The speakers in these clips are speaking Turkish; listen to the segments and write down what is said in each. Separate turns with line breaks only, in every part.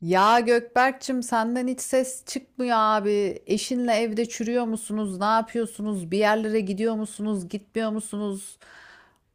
Ya Gökberk'cim senden hiç ses çıkmıyor abi. Eşinle evde çürüyor musunuz? Ne yapıyorsunuz? Bir yerlere gidiyor musunuz? Gitmiyor musunuz?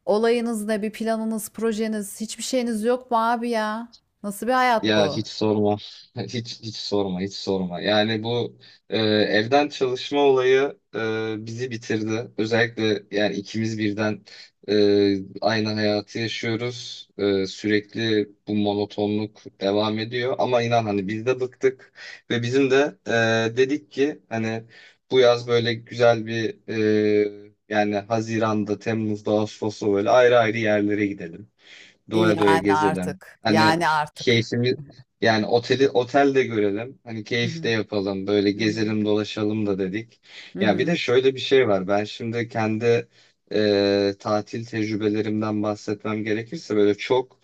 Olayınız ne? Bir planınız, projeniz, hiçbir şeyiniz yok mu abi ya? Nasıl bir hayat
Ya
bu?
hiç sorma. Hiç hiç sorma, hiç sorma. Yani bu evden çalışma olayı bizi bitirdi. Özellikle yani ikimiz birden aynı hayatı yaşıyoruz. Sürekli bu monotonluk devam ediyor. Ama inan hani biz de bıktık ve bizim de dedik ki hani bu yaz böyle güzel bir, yani Haziran'da, Temmuz'da, Ağustos'ta böyle ayrı ayrı yerlere gidelim. Doya doya
Yani
gezelim.
artık.
Hani
Yani artık.
keyfimiz, yani oteli otelde görelim. Hani
Hı
keyif de
hı.
yapalım, böyle
Hı hı.
gezelim dolaşalım da dedik.
Hı
Ya bir
hı.
de şöyle bir şey var. Ben şimdi kendi tatil tecrübelerimden bahsetmem gerekirse, böyle çok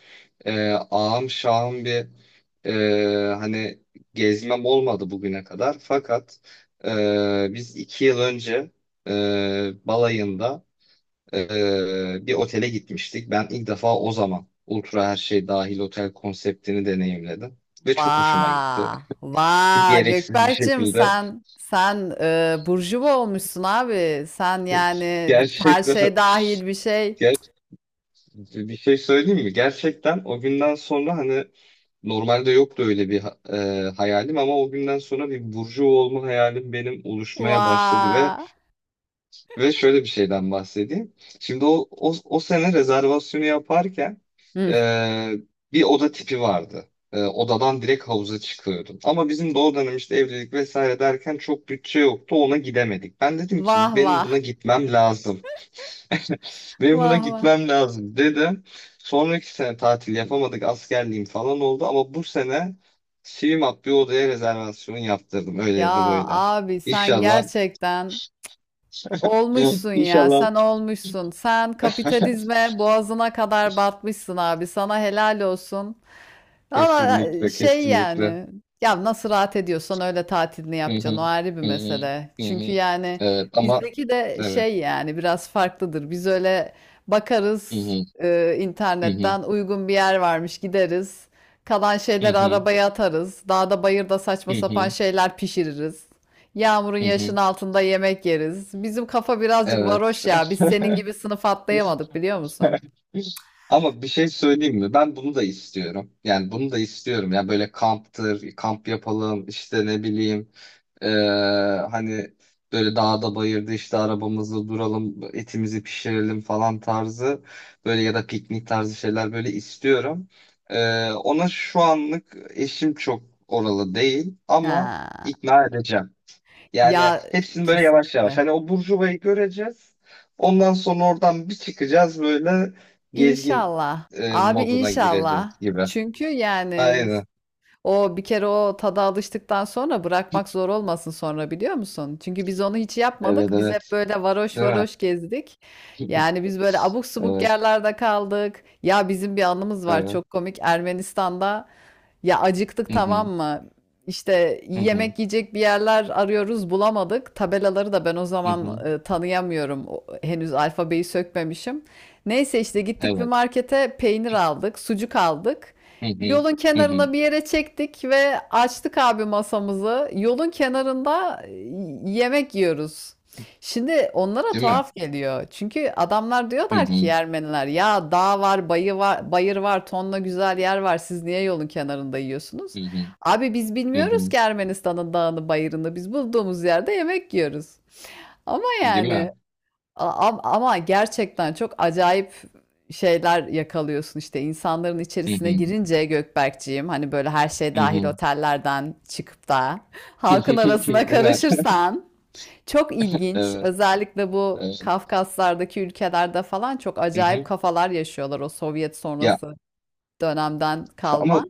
ağam şahım bir, hani gezmem olmadı bugüne kadar. Fakat biz 2 yıl önce balayında bir otele gitmiştik. Ben ilk defa o zaman ultra her şey dahil otel konseptini deneyimledim. Ve çok hoşuma gitti.
Vaa. Vaa
Gereksiz bir
Gökberk'cim
şekilde.
sen burjuva olmuşsun abi. Sen yani her
Gerçekten,
şey dahil bir şey.
ger bir şey söyleyeyim mi? Gerçekten o günden sonra, hani normalde yoktu öyle bir hayalim, ama o günden sonra bir burcu olma hayalim benim oluşmaya başladı. ve
Vay.
Ve şöyle bir şeyden bahsedeyim. Şimdi o sene rezervasyonu yaparken
Hıh.
e, bir oda tipi vardı. Odadan direkt havuza çıkıyordun. Ama bizim de o dönem, işte evlilik vesaire derken, çok bütçe yoktu, ona gidemedik. Ben dedim
Vah
ki, benim
vah.
buna gitmem lazım. Benim buna
Vah vah.
gitmem lazım dedim. Sonraki sene tatil yapamadık, askerliğim falan oldu. Ama bu sene Swimup bir odaya rezervasyon yaptırdım, öyle ya da
Ya
böyle.
abi sen
İnşallah.
gerçekten
Evet,
olmuşsun ya.
İnşallah.
Sen olmuşsun. Sen kapitalizme boğazına kadar batmışsın abi. Sana helal olsun. Valla
Kesinlikle,
şey
kesinlikle.
yani ya nasıl rahat ediyorsan öyle tatilini
Hı hı,
yapacaksın, o ayrı bir
hı hı,
mesele.
hı
Çünkü
hı.
yani
Evet, ama
bizdeki de
evet.
şey yani biraz farklıdır. Biz öyle
Hı
bakarız,
hı, hı hı,
internetten uygun bir yer varmış gideriz. Kalan
hı
şeyleri
hı,
arabaya atarız. Dağda bayırda saçma
hı
sapan
hı,
şeyler pişiririz. Yağmurun
hı hı.
yaşın altında yemek yeriz. Bizim kafa birazcık
Evet.
varoş ya. Biz senin gibi sınıf atlayamadık biliyor musun?
Ama bir şey söyleyeyim mi? Ben bunu da istiyorum. Yani bunu da istiyorum. Yani böyle kamptır, kamp yapalım, işte ne bileyim. Ee, Hani böyle dağda bayırda işte arabamızda duralım, etimizi pişirelim falan tarzı, böyle ya da piknik tarzı şeyler böyle istiyorum. Ona şu anlık eşim çok oralı değil, ama
Ha.
ikna edeceğim. Yani
Ya
hepsini böyle yavaş yavaş.
kesinlikle.
Hani o burjuvayı göreceğiz. Ondan sonra oradan bir çıkacağız, böyle gezgin
İnşallah. Abi
moduna
inşallah.
gireceğiz gibi.
Çünkü yani
Aynen.
o bir kere o tada alıştıktan sonra bırakmak zor olmasın sonra biliyor musun? Çünkü biz onu hiç yapmadık.
Evet,
Biz hep
evet.
böyle varoş
Değil mi?
varoş gezdik. Yani biz böyle abuk subuk
Evet.
yerlerde kaldık. Ya bizim bir anımız var
Evet.
çok komik. Ermenistan'da ya acıktık,
Hı
tamam
hı.
mı? İşte
Hı hı.
yemek yiyecek bir yerler arıyoruz, bulamadık. Tabelaları da ben o
Hı
zaman
hı.
tanıyamıyorum. Henüz alfabeyi sökmemişim. Neyse işte gittik bir
Evet.
markete, peynir aldık, sucuk aldık.
Hı hı.
Yolun
Hı hı.
kenarına bir yere çektik ve açtık abi masamızı. Yolun kenarında yemek yiyoruz. Şimdi onlara
Değil mi?
tuhaf geliyor. Çünkü adamlar
Hı
diyorlar ki
hı.
Ermeniler ya, dağ var, bayı var, bayır var, tonla güzel yer var. Siz niye yolun kenarında yiyorsunuz?
Hı hı.
Abi biz
Hı
bilmiyoruz
hı.
ki Ermenistan'ın dağını, bayırını. Biz bulduğumuz yerde yemek yiyoruz. Ama
Değil
yani
mi?
Ama gerçekten çok acayip şeyler yakalıyorsun işte insanların
Hı
içerisine
hı.
girince Gökberkciğim, hani böyle her şey
Hı
dahil
hı.
otellerden çıkıp da halkın
Değil
arasına
mi?
karışırsan çok ilginç,
Evet.
özellikle bu
Evet.
Kafkaslardaki ülkelerde falan çok
Hı hı.
acayip kafalar yaşıyorlar, o Sovyet
Ya
sonrası dönemden
ama
kalma.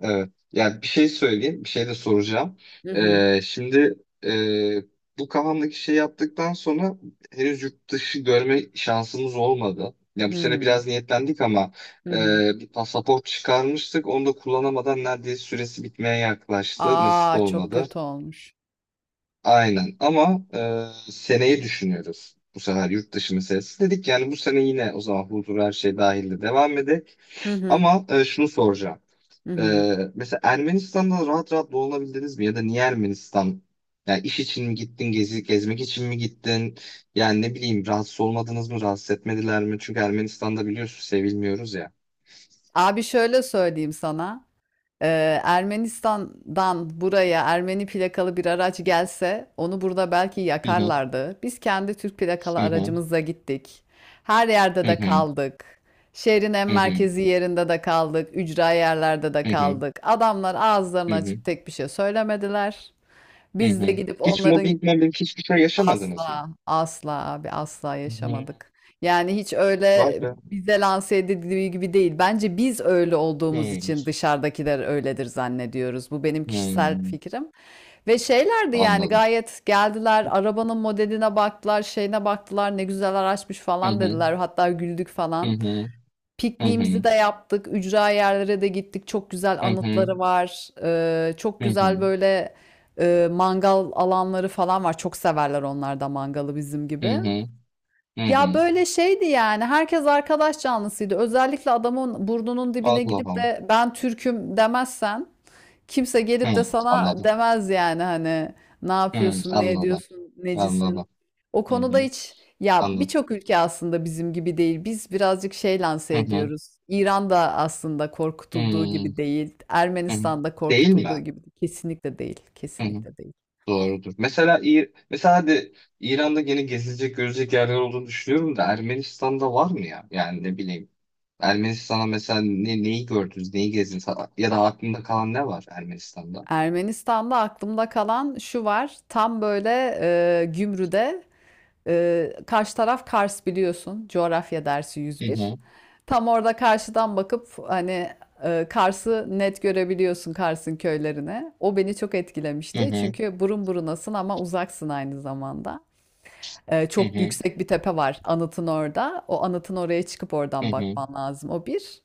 evet. Ya bir şey söyleyeyim. Bir şey de soracağım.
Hı hı.
Şimdi e, bu kafamdaki şey yaptıktan sonra, henüz yurt dışı görme şansımız olmadı. Ya bu
Hı
sene
hı.
biraz niyetlendik, ama e,
Hı.
bir pasaport çıkarmıştık. Onu da kullanamadan neredeyse süresi bitmeye yaklaştı. Nasip
Aa, çok
olmadı.
kötü olmuş.
Aynen, ama seneyi düşünüyoruz. Bu sefer yurt dışı meselesi. Dedik yani, bu sene yine o zaman huzur, her şey dahilde devam edek.
Hı hı.
Ama şunu soracağım.
Hı
E,
hı.
Mesela Ermenistan'da rahat rahat dolanabildiniz mi? Ya da niye Ermenistan? Yani iş için mi gittin, gezmek için mi gittin? Yani ne bileyim, rahatsız olmadınız mı, rahatsız etmediler mi? Çünkü Ermenistan'da biliyorsun, sevilmiyoruz ya.
Abi şöyle söyleyeyim sana. Ermenistan'dan buraya Ermeni plakalı bir araç gelse onu burada belki
Hı hı,
yakarlardı. Biz kendi Türk plakalı
hı hı,
aracımızla gittik. Her yerde
hı
de
hı,
kaldık. Şehrin en
hı hı,
merkezi yerinde de kaldık. Ücra yerlerde de
hı hı,
kaldık. Adamlar ağızlarını
hı hı,
açıp tek bir şey söylemediler.
hı
Biz de
hı.
gidip
Hiç
onların.
mobbing, hiçbir şey yaşamadınız mı?
Asla, asla abi, asla
Hı.
yaşamadık. Yani hiç
Vay
öyle
be.
bize lanse edildiği gibi değil. Bence biz öyle olduğumuz
Hmm,
için dışarıdakiler öyledir zannediyoruz. Bu benim kişisel
hmm.
fikrim. Ve şeylerdi yani,
Anladım.
gayet geldiler, arabanın modeline baktılar, şeyine baktılar, ne güzel araçmış
Hı
falan
hı,
dediler. Hatta güldük
hı
falan.
hı, hı
Pikniğimizi
hı,
de yaptık. Ücra yerlere de gittik. Çok güzel
hı hı,
anıtları var. Çok
hı hı,
güzel böyle mangal alanları falan var. Çok severler onlar da mangalı bizim
hı
gibi.
hı, hı
Ya
hı.
böyle şeydi yani. Herkes arkadaş canlısıydı. Özellikle adamın burnunun dibine
Allah
gidip
Allah.
de ben Türk'üm demezsen kimse
Hı,
gelip de sana
anladım.
demez yani, hani ne
Hı,
yapıyorsun, ne
anladım.
ediyorsun, necisin.
Anladım.
O
Hı
konuda
hı,
hiç, ya
anladım.
birçok ülke aslında bizim gibi değil. Biz birazcık şey
Hı
lanse
hı,
ediyoruz. İran da aslında korkutulduğu
hı
gibi değil.
hı.
Ermenistan da
Değil mi?
korkutulduğu gibi kesinlikle değil.
Hı hı,
Kesinlikle değil.
doğrudur. Mesela mesela, hadi İran'da yine gezilecek, görecek yerler olduğunu düşünüyorum da, Ermenistan'da var mı ya? Yani ne bileyim. Ermenistan'a mesela neyi gördünüz, neyi gezdiniz, ya da aklında kalan ne var Ermenistan'da?
Ermenistan'da aklımda kalan şu var. Tam böyle Gümrü'de, karşı taraf Kars biliyorsun. Coğrafya dersi 101. Tam orada karşıdan bakıp hani Kars'ı net görebiliyorsun, Kars'ın köylerine. O beni çok
Hı
etkilemişti.
hı,
Çünkü burun burunasın ama uzaksın aynı zamanda.
hı
Çok
hı,
yüksek bir tepe var anıtın orada. O anıtın oraya çıkıp
hı
oradan
hı,
bakman lazım. O bir.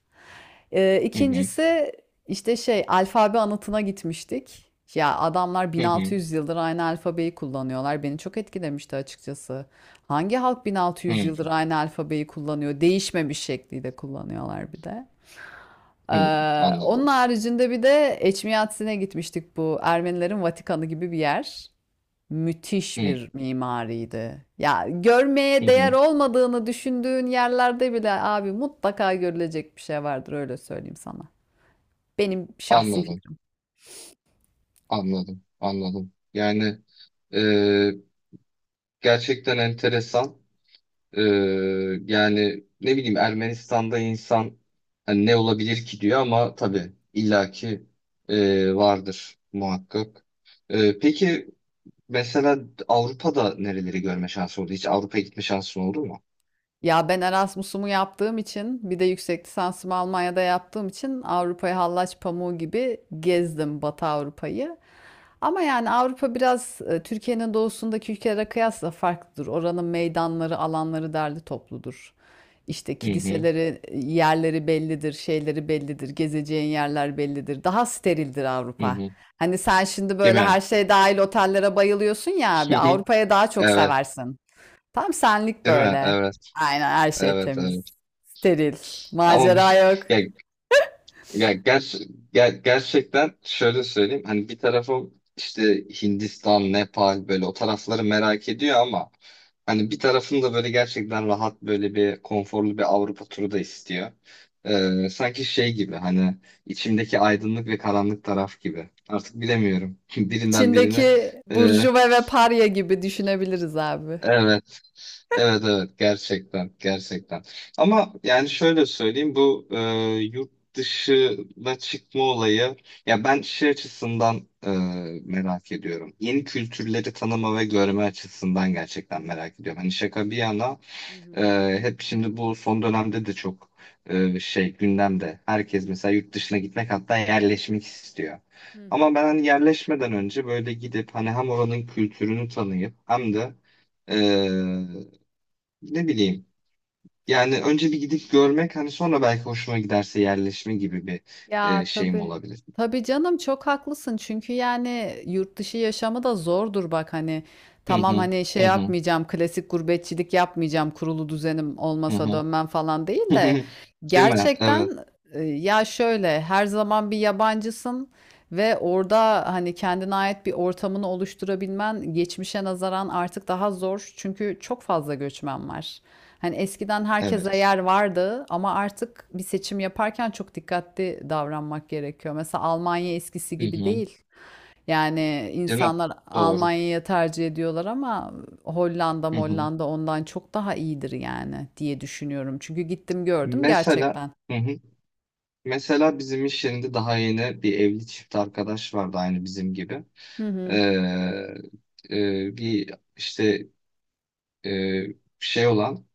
hı hı,
İkincisi işte şey alfabe anıtına gitmiştik. Ya adamlar
hı hı,
1600 yıldır aynı alfabeyi kullanıyorlar. Beni çok etkilemişti açıkçası. Hangi halk
hı
1600 yıldır aynı alfabeyi kullanıyor? Değişmemiş şekliyle kullanıyorlar bir de.
hı.
Onun
Anladım.
haricinde bir de Eçmiyatsi'ne gitmiştik, bu Ermenilerin Vatikanı gibi bir yer.
Hı
Müthiş bir mimariydi. Ya
hı,
görmeye değer
hı.
olmadığını düşündüğün yerlerde bile abi mutlaka görülecek bir şey vardır, öyle söyleyeyim sana. Benim şahsi
Anladım,
fikrim.
anladım, anladım. Yani e, gerçekten enteresan. E, Yani ne bileyim, Ermenistan'da insan hani ne olabilir ki diyor, ama tabii illaki vardır muhakkak. Peki mesela Avrupa'da nereleri görme şansı oldu? Hiç Avrupa'ya gitme şansın oldu mu?
Ya ben Erasmus'umu yaptığım için, bir de yüksek lisansımı Almanya'da yaptığım için Avrupa'yı hallaç pamuğu gibi gezdim, Batı Avrupa'yı. Ama yani Avrupa biraz Türkiye'nin doğusundaki ülkelere kıyasla farklıdır. Oranın meydanları, alanları derli topludur. İşte
Hı hı,
kiliseleri, yerleri bellidir, şeyleri bellidir, gezeceğin yerler bellidir. Daha sterildir
hı
Avrupa.
hı.
Hani sen şimdi
Değil
böyle
mi?
her şey dahil otellere bayılıyorsun ya abi, Avrupa'ya daha çok
Evet.
seversin. Tam senlik
Değil mi?
böyle.
Evet,
Aynen her şey
evet,
temiz.
evet.
Steril.
Ama
Macera
bir,
yok.
ya, ya, ger- ger- gerçekten şöyle söyleyeyim. Hani bir tarafım işte Hindistan, Nepal, böyle o tarafları merak ediyor, ama hani bir tarafım da böyle gerçekten rahat, böyle bir konforlu bir Avrupa turu da istiyor. Sanki şey gibi, hani içimdeki aydınlık ve karanlık taraf gibi. Artık bilemiyorum. Birinden birini.
İçindeki
Ee,
burjuva ve parya gibi düşünebiliriz abi.
evet, evet, evet, gerçekten gerçekten, ama yani şöyle söyleyeyim, bu yurt dışına çıkma olayı, ya ben şey açısından, merak ediyorum, yeni kültürleri tanıma ve görme açısından gerçekten merak ediyorum, hani şaka bir yana,
Hı
e,
hı,
hep şimdi bu son dönemde de çok şey gündemde, herkes mesela yurt dışına gitmek, hatta yerleşmek istiyor,
hı
ama
hı.
ben hani yerleşmeden önce böyle gidip, hani hem oranın kültürünü tanıyıp hem de ne bileyim. Yani önce bir gidip görmek, hani sonra belki hoşuma giderse yerleşme gibi bir
Ya
şeyim
tabii.
olabilir.
Tabii canım, çok haklısın. Çünkü yani yurt dışı yaşamı da zordur bak hani.
Hı
Tamam
hı.
hani şey
Hı hı.
yapmayacağım, klasik gurbetçilik yapmayacağım, kurulu düzenim
Hı
olmasa
hı.
dönmem falan değil de
Değil mi? Evet.
gerçekten ya şöyle her zaman bir yabancısın. Ve orada hani kendine ait bir ortamını oluşturabilmen geçmişe nazaran artık daha zor. Çünkü çok fazla göçmen var. Hani eskiden herkese
Evet.
yer vardı ama artık bir seçim yaparken çok dikkatli davranmak gerekiyor. Mesela Almanya eskisi
Hı
gibi
hı.
değil. Yani
Değil mi?
insanlar
Doğru.
Almanya'ya tercih ediyorlar ama Hollanda,
Hı hı.
Molland'a ondan çok daha iyidir yani diye düşünüyorum. Çünkü gittim gördüm
Mesela,
gerçekten.
hı hı. Mesela bizim iş yerinde daha yeni bir evli çift arkadaş vardı, aynı bizim gibi.
Hı hı.
Ee, bir işte e, şey olan,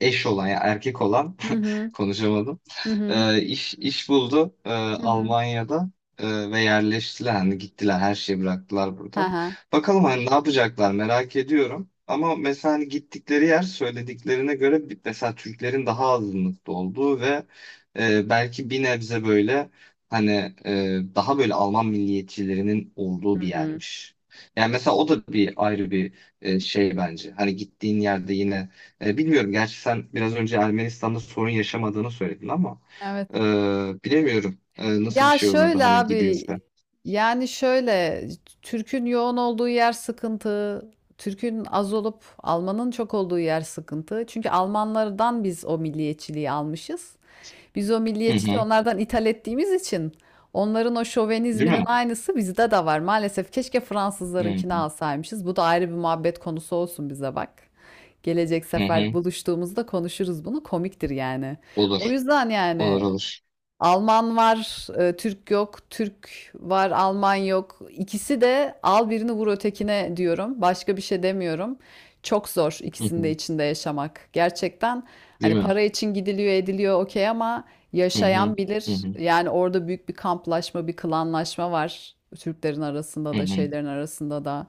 eş olan, ya erkek olan
Hı hı.
konuşamadım.
Hı hı.
E, iş iş buldu
Hı hı.
Almanya'da, ve yerleştiler, hani gittiler, her şeyi bıraktılar
Hı
burada.
hı.
Bakalım hani ne yapacaklar, merak ediyorum. Ama mesela hani gittikleri yer, söylediklerine göre mesela Türklerin daha azınlıkta olduğu ve belki bir nebze böyle hani daha böyle Alman milliyetçilerinin olduğu
Hı
bir
hı.
yermiş. Yani mesela o da bir ayrı bir şey bence. Hani gittiğin yerde yine bilmiyorum. Gerçi sen biraz önce Ermenistan'da sorun yaşamadığını söyledin ama
Evet.
e, bilemiyorum. Nasıl bir
Ya
şey olurdu
şöyle
hani
abi,
gidilse.
yani şöyle, Türk'ün yoğun olduğu yer sıkıntı. Türk'ün az olup Alman'ın çok olduğu yer sıkıntı. Çünkü Almanlardan biz o milliyetçiliği almışız. Biz o
Hı
milliyetçiliği
hı.
onlardan ithal ettiğimiz için onların o
Değil
şovenizminin
mi?
aynısı bizde de var. Maalesef keşke
Hı hı.
Fransızlarınkini alsaymışız. Bu da ayrı bir muhabbet konusu olsun bize bak. Gelecek
Hı
sefer
hı.
buluştuğumuzda konuşuruz bunu. Komiktir yani. O
Olur.
yüzden
Olur,
yani
olur.
Alman var, Türk yok, Türk var, Alman yok. İkisi de al birini vur ötekine diyorum. Başka bir şey demiyorum. Çok zor
Hı
ikisinin de
hı.
içinde yaşamak. Gerçekten
Değil
hani
mi?
para için gidiliyor, ediliyor okey ama
Hı hı.
yaşayan
Hı
bilir.
hı.
Yani orada büyük bir kamplaşma, bir klanlaşma var. Türklerin
Hı
arasında da,
hı.
şeylerin arasında da.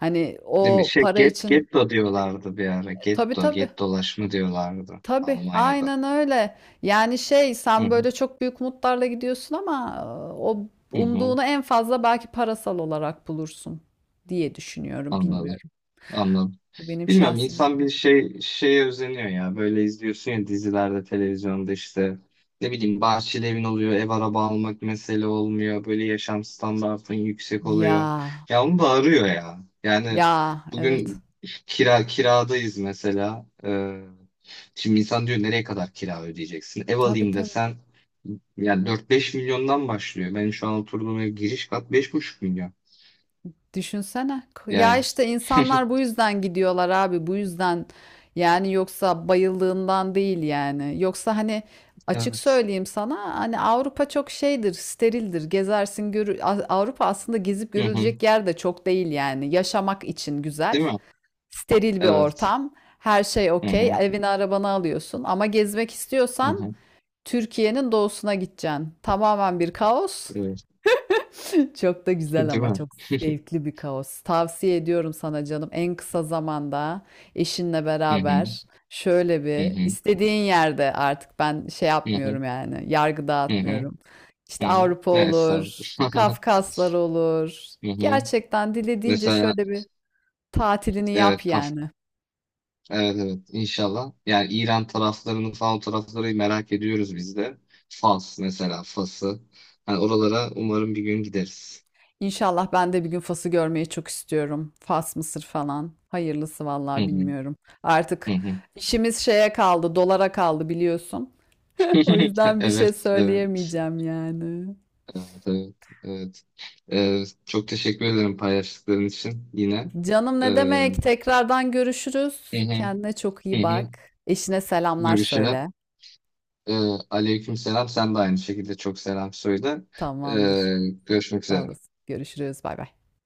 Hani
Değil mi?
o
Şey,
para için,
getto diyorlardı bir ara.
tabii
Getto,
tabii.
gettolaşma diyorlardı
Tabii,
Almanya'da.
aynen öyle. Yani şey,
Hı
sen
hı.
böyle çok büyük umutlarla gidiyorsun ama o
Hı hı.
umduğunu en fazla belki parasal olarak bulursun diye düşünüyorum,
Anladım.
bilmiyorum.
Anladım.
Bu benim
Bilmiyorum,
şahsi
insan bir
düşüncem.
şeye özeniyor ya. Böyle izliyorsun ya, dizilerde, televizyonda, işte ne bileyim, bahçeli evin oluyor, ev araba almak mesele olmuyor. Böyle yaşam standartın yüksek
Ya,
oluyor. Ya onu da arıyor ya. Yani
ya, evet.
bugün kiradayız mesela. Şimdi insan diyor, nereye kadar kira ödeyeceksin? Ev
Tabii
alayım
tabii.
desen, yani 4-5 milyondan başlıyor. Benim şu an oturduğum ev giriş kat 5,5 milyon.
Düşünsene. Ya
Yani,
işte insanlar bu yüzden gidiyorlar abi. Bu yüzden yani, yoksa bayıldığından değil yani. Yoksa hani açık
evet.
söyleyeyim sana, hani Avrupa çok şeydir, sterildir. Gezersin görü. Avrupa aslında gezip
Hı hı.
görülecek yer de çok değil yani. Yaşamak için güzel.
Değil mi?
Steril bir
Evet.
ortam. Her şey
Hı
okey.
hı.
Evini arabanı alıyorsun. Ama gezmek istiyorsan
Uhum,
Türkiye'nin doğusuna gideceksin. Tamamen bir kaos.
eu-
Çok da güzel ama
Entendeu?
çok zevkli bir kaos. Tavsiye ediyorum sana canım, en kısa zamanda eşinle
Uhum,
beraber şöyle bir
uhum,
istediğin yerde, artık ben şey
uhum,
yapmıyorum yani, yargı
uhum,
dağıtmıyorum. İşte
uhum.
Avrupa
Evet, sağ ol.
olur, Kafkaslar olur.
Uhum.
Gerçekten dilediğince
Mesela
şöyle bir tatilini yap
evet,
yani.
evet, evet, inşallah. Yani İran taraflarını falan, o tarafları merak ediyoruz biz de. Fas, mesela Fas'ı. Yani oralara umarım bir gün gideriz.
İnşallah ben de bir gün Fas'ı görmeyi çok istiyorum. Fas, Mısır falan. Hayırlısı
Hı
vallahi
hı,
bilmiyorum.
hı
Artık
hı.
işimiz şeye kaldı, dolara kaldı biliyorsun. O yüzden bir şey
Evet, evet,
söyleyemeyeceğim yani.
evet, evet, evet. Çok teşekkür ederim paylaştıkların için yine.
Canım ne demek?
Hı
Tekrardan
hı,
görüşürüz.
hı
Kendine çok iyi
hı.
bak. Eşine selamlar
Görüşelim.
söyle.
Ee, Aleyküm selam. Sen de aynı şekilde çok selam söyle.
Tamamdır.
Ee, Görüşmek
Sağ
üzere.
olasın. Görüşürüz. Bay bay.